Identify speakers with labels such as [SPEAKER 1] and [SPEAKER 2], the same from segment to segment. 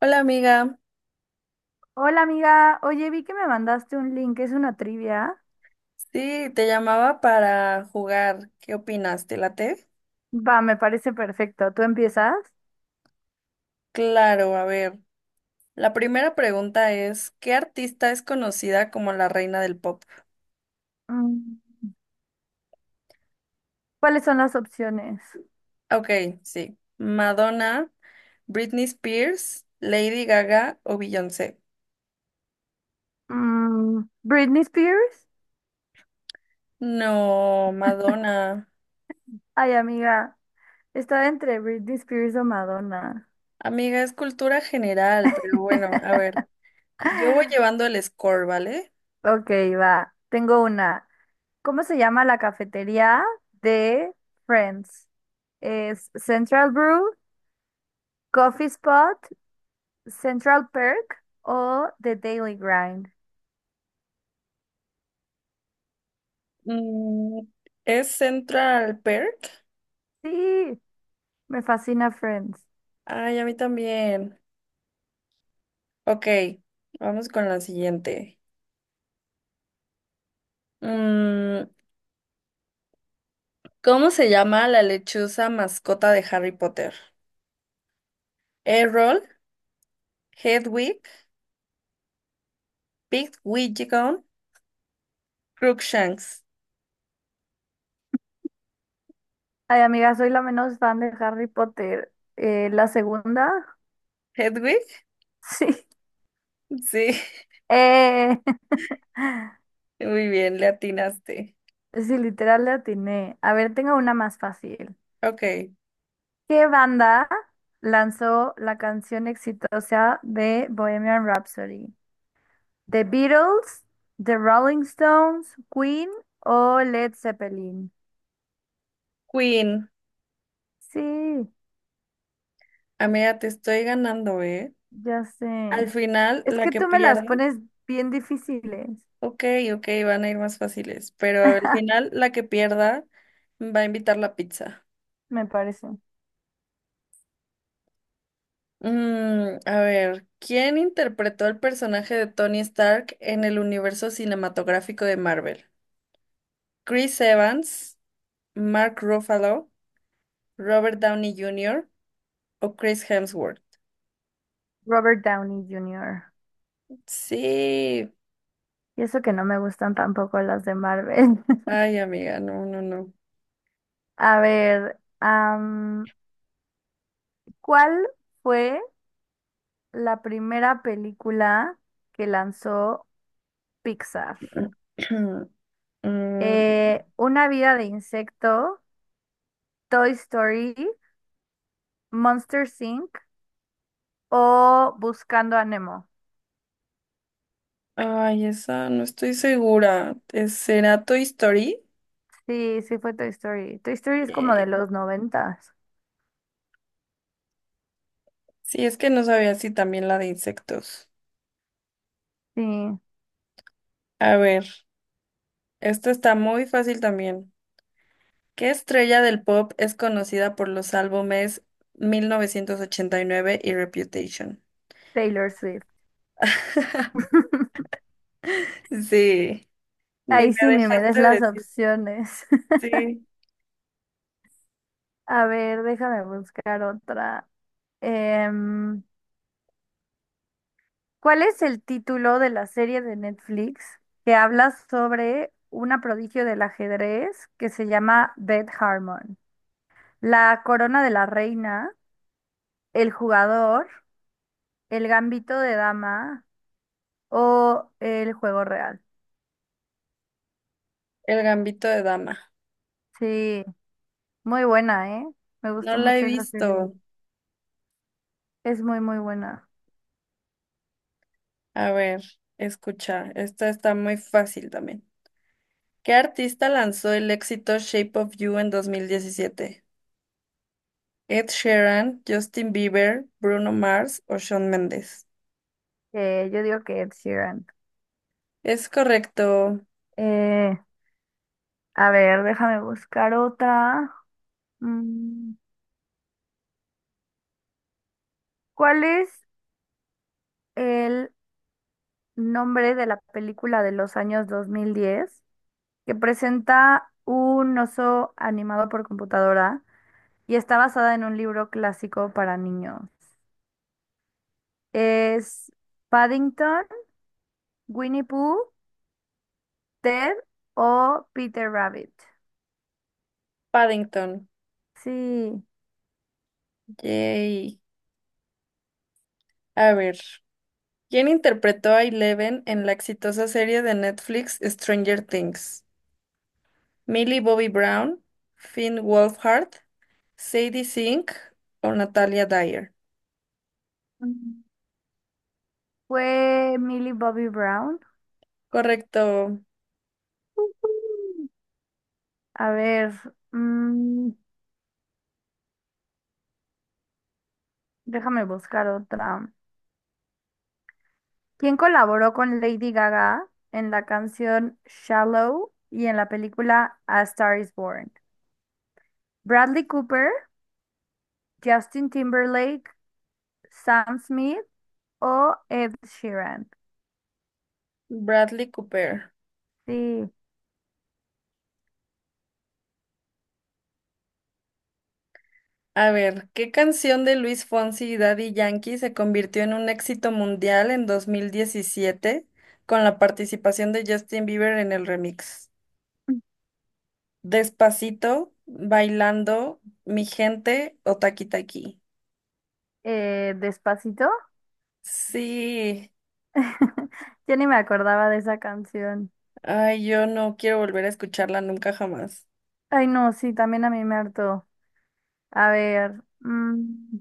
[SPEAKER 1] Hola amiga,
[SPEAKER 2] Hola amiga, oye, vi que me mandaste un link, es una trivia.
[SPEAKER 1] sí, te llamaba para jugar. ¿Qué opinas? ¿Te late?
[SPEAKER 2] Va, me parece perfecto. ¿Tú empiezas?
[SPEAKER 1] Claro, a ver. La primera pregunta es, ¿qué artista es conocida como la reina del pop?
[SPEAKER 2] Mm, ¿Cuáles son las opciones?
[SPEAKER 1] Ok, sí. Madonna, Britney Spears, Lady Gaga o Beyoncé.
[SPEAKER 2] Britney Spears.
[SPEAKER 1] No, Madonna.
[SPEAKER 2] Ay, amiga, estaba entre Britney Spears o Madonna.
[SPEAKER 1] Amiga, es cultura general, pero bueno, a ver. Yo voy llevando el score, ¿vale?
[SPEAKER 2] Ok, va. Tengo una. ¿Cómo se llama la cafetería de Friends? ¿Es Central Brew, Coffee Spot, Central Perk o The Daily Grind?
[SPEAKER 1] Mm, ¿Es Central Perk?
[SPEAKER 2] Sí. Me fascina Friends.
[SPEAKER 1] Ay, a mí también. Ok, vamos con la siguiente. Mm, ¿Cómo se llama la lechuza mascota de Harry Potter? Errol, Hedwig, Pigwidgeon, Crookshanks.
[SPEAKER 2] Ay, amiga, soy la menos fan de Harry Potter. La segunda,
[SPEAKER 1] ¿Hedwig?
[SPEAKER 2] sí.
[SPEAKER 1] Sí,
[SPEAKER 2] Eh,
[SPEAKER 1] muy bien, le atinaste.
[SPEAKER 2] sí, literal le atiné. A ver, tengo una más fácil.
[SPEAKER 1] Ok,
[SPEAKER 2] ¿Qué banda lanzó la canción exitosa de Bohemian Rhapsody? ¿The Beatles, The Rolling Stones, Queen o Led Zeppelin?
[SPEAKER 1] Queen.
[SPEAKER 2] Sí,
[SPEAKER 1] Amiga, te estoy ganando, ¿eh?
[SPEAKER 2] ya sé.
[SPEAKER 1] Al final,
[SPEAKER 2] Es
[SPEAKER 1] la
[SPEAKER 2] que
[SPEAKER 1] que
[SPEAKER 2] tú me las
[SPEAKER 1] pierda.
[SPEAKER 2] pones bien difíciles,
[SPEAKER 1] Ok, ok, van a ir más fáciles, pero al final, la que pierda va a invitar la pizza.
[SPEAKER 2] me parece.
[SPEAKER 1] A ver, ¿quién interpretó el personaje de Tony Stark en el universo cinematográfico de Marvel? ¿Chris Evans, Mark Ruffalo, Robert Downey Jr. o Chris Hemsworth?
[SPEAKER 2] Robert Downey Jr.
[SPEAKER 1] Sí.
[SPEAKER 2] Y eso que no me gustan tampoco las de Marvel.
[SPEAKER 1] Ay, amiga, no, no, no.
[SPEAKER 2] A ver, ¿cuál fue la primera película que lanzó Pixar?
[SPEAKER 1] Mm,
[SPEAKER 2] ¿Una vida de insecto, Toy Story, Monsters Inc. o Buscando a Nemo?
[SPEAKER 1] ay, esa no estoy segura. ¿Será Toy Story?
[SPEAKER 2] Sí, sí fue Toy Story. Toy Story es como de
[SPEAKER 1] Eh,
[SPEAKER 2] los noventas.
[SPEAKER 1] Sí, es que no sabía si también la de insectos.
[SPEAKER 2] Sí,
[SPEAKER 1] A ver, esta está muy fácil también. ¿Qué estrella del pop es conocida por los álbumes 1989 y nueve y Reputation?
[SPEAKER 2] Taylor Swift.
[SPEAKER 1] Sí, ni
[SPEAKER 2] Ahí
[SPEAKER 1] me
[SPEAKER 2] sí ni me des
[SPEAKER 1] dejaste
[SPEAKER 2] las
[SPEAKER 1] decir.
[SPEAKER 2] opciones.
[SPEAKER 1] Sí,
[SPEAKER 2] A ver, déjame buscar otra. Em, ¿Cuál es el título de la serie de Netflix que habla sobre una prodigio del ajedrez que se llama Beth Harmon? La corona de la reina, el jugador, el gambito de dama o el juego real.
[SPEAKER 1] El Gambito de Dama.
[SPEAKER 2] Sí, muy buena, ¿eh? Me
[SPEAKER 1] No
[SPEAKER 2] gustó
[SPEAKER 1] la he
[SPEAKER 2] mucho esa serie.
[SPEAKER 1] visto.
[SPEAKER 2] Es muy, muy buena.
[SPEAKER 1] A ver, escucha, esta está muy fácil también. ¿Qué artista lanzó el éxito Shape of You en 2017? Ed Sheeran, Justin Bieber, Bruno Mars o Shawn Mendes.
[SPEAKER 2] Yo digo que Ed Sheeran.
[SPEAKER 1] Es correcto,
[SPEAKER 2] Eh, a ver, déjame buscar otra. Mm, ¿Cuál es el nombre de la película de los años 2010 que presenta un oso animado por computadora y está basada en un libro clásico para niños? ¿Es Paddington, Winnie Pooh, Ted o Peter Rabbit?
[SPEAKER 1] Paddington.
[SPEAKER 2] Sí,
[SPEAKER 1] Yay. A ver. ¿Quién interpretó a Eleven en la exitosa serie de Netflix Stranger Things? ¿Millie Bobby Brown, Finn Wolfhard, Sadie Sink o Natalia Dyer?
[SPEAKER 2] Mm, fue Millie Bobby Brown.
[SPEAKER 1] Correcto,
[SPEAKER 2] Ujú. A ver, mm, déjame buscar otra. Quien colaboró con Lady Gaga en la canción Shallow y en la película A Star is Born. Bradley Cooper, Justin Timberlake, Sam Smith o Ed Sheeran.
[SPEAKER 1] Bradley Cooper.
[SPEAKER 2] Sí,
[SPEAKER 1] A ver, ¿qué canción de Luis Fonsi y Daddy Yankee se convirtió en un éxito mundial en 2017 con la participación de Justin Bieber en el remix? ¿Despacito, Bailando, Mi Gente o Taki Taki?
[SPEAKER 2] Despacito.
[SPEAKER 1] Sí,
[SPEAKER 2] Ya ni me acordaba de esa canción.
[SPEAKER 1] ay, yo no quiero volver a escucharla nunca jamás.
[SPEAKER 2] Ay, no, sí, también a mí me hartó. A ver,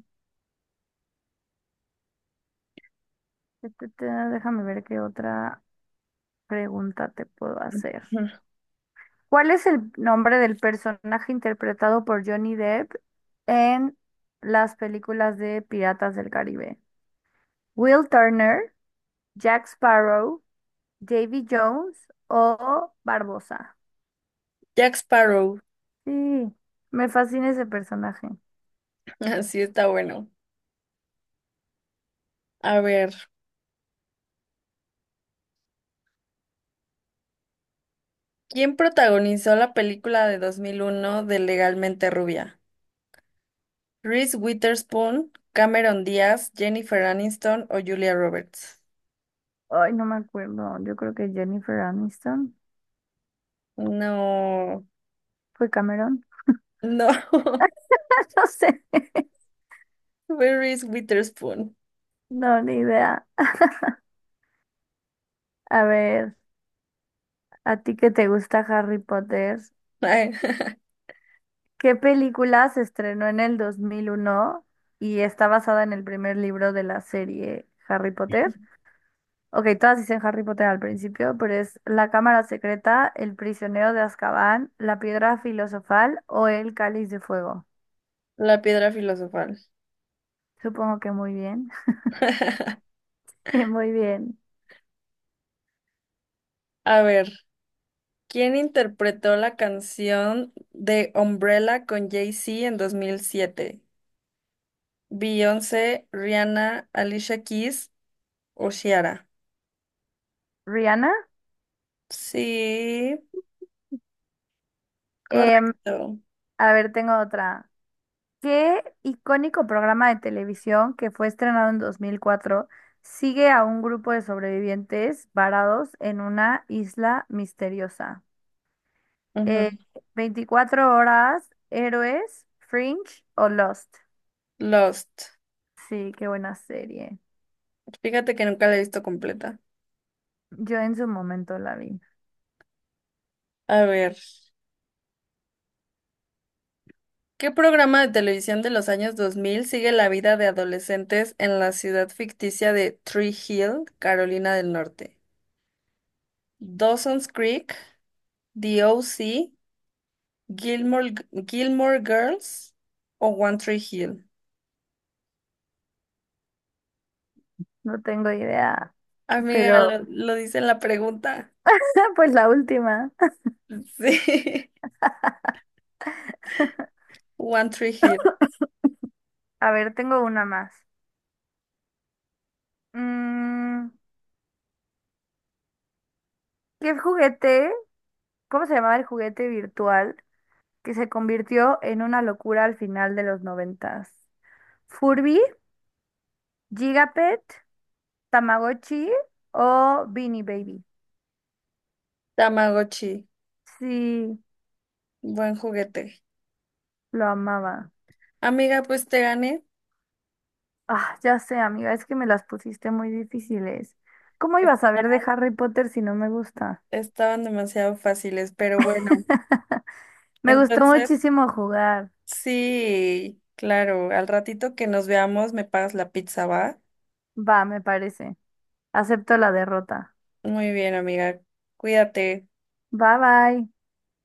[SPEAKER 2] ta, ta, ta, déjame ver qué otra pregunta te puedo hacer.
[SPEAKER 1] Ujú.
[SPEAKER 2] ¿Cuál es el nombre del personaje interpretado por Johnny Depp en las películas de Piratas del Caribe? Will Turner, Jack Sparrow, Davy Jones o Barbosa.
[SPEAKER 1] Jack Sparrow,
[SPEAKER 2] Sí, me fascina ese personaje.
[SPEAKER 1] así está bueno. A ver, ¿quién protagonizó la película de 2001 de Legalmente Rubia? ¿Reese Witherspoon, Cameron Díaz, Jennifer Aniston o Julia Roberts?
[SPEAKER 2] Ay, no me acuerdo. Yo creo que Jennifer Aniston.
[SPEAKER 1] No,
[SPEAKER 2] ¿Fue Cameron?
[SPEAKER 1] no,
[SPEAKER 2] No sé.
[SPEAKER 1] fue Reese Witherspoon.
[SPEAKER 2] No, ni idea. A ver, ¿a ti que te gusta Harry Potter?
[SPEAKER 1] Ay,
[SPEAKER 2] ¿Qué película se estrenó en el 2001 y está basada en el primer libro de la serie Harry Potter? Ok, todas dicen Harry Potter al principio, pero es La Cámara Secreta, El Prisionero de Azkaban, La Piedra Filosofal o El Cáliz de Fuego.
[SPEAKER 1] la piedra filosofal.
[SPEAKER 2] Supongo que muy bien. Muy bien.
[SPEAKER 1] A ver, ¿quién interpretó la canción de Umbrella con Jay-Z en 2007? Beyoncé, Rihanna, Alicia Keys o Ciara.
[SPEAKER 2] Rihanna.
[SPEAKER 1] Sí,
[SPEAKER 2] Em,
[SPEAKER 1] correcto.
[SPEAKER 2] a ver, tengo otra. ¿Qué icónico programa de televisión que fue estrenado en 2004 sigue a un grupo de sobrevivientes varados en una isla misteriosa? Eh,
[SPEAKER 1] Ujú.
[SPEAKER 2] ¿24 horas, Héroes, Fringe o Lost?
[SPEAKER 1] Lost.
[SPEAKER 2] Sí, qué buena serie.
[SPEAKER 1] Fíjate que nunca la he visto completa.
[SPEAKER 2] Yo en su momento la vi.
[SPEAKER 1] A ver, ¿qué programa de televisión de los años 2000 sigue la vida de adolescentes en la ciudad ficticia de Tree Hill, Carolina del Norte? Dawson's Creek, The OC, Gilmore, Gilmore Girls o One Tree Hill.
[SPEAKER 2] No tengo idea,
[SPEAKER 1] Amiga,
[SPEAKER 2] pero
[SPEAKER 1] lo dice en la pregunta.
[SPEAKER 2] pues la última.
[SPEAKER 1] Sí. One Tree Hill,
[SPEAKER 2] A ver, tengo una más. Mm, ¿Qué juguete? ¿Cómo se llamaba el juguete virtual que se convirtió en una locura al final de los noventas? Furby, Gigapet, Tamagotchi o Beanie Baby.
[SPEAKER 1] Tamagotchi,
[SPEAKER 2] Sí,
[SPEAKER 1] buen juguete.
[SPEAKER 2] lo amaba.
[SPEAKER 1] Amiga, pues te gané.
[SPEAKER 2] Ah, ya sé, amiga, es que me las pusiste muy difíciles. ¿Cómo iba a
[SPEAKER 1] Esta-
[SPEAKER 2] saber de Harry Potter si no me gusta?
[SPEAKER 1] Estaban demasiado fáciles, pero bueno.
[SPEAKER 2] Me gustó
[SPEAKER 1] Entonces,
[SPEAKER 2] muchísimo jugar.
[SPEAKER 1] sí, claro, al ratito que nos veamos me pagas la pizza, ¿va?
[SPEAKER 2] Va, me parece. Acepto la derrota.
[SPEAKER 1] Muy bien, amiga. Cuídate.
[SPEAKER 2] Bye bye.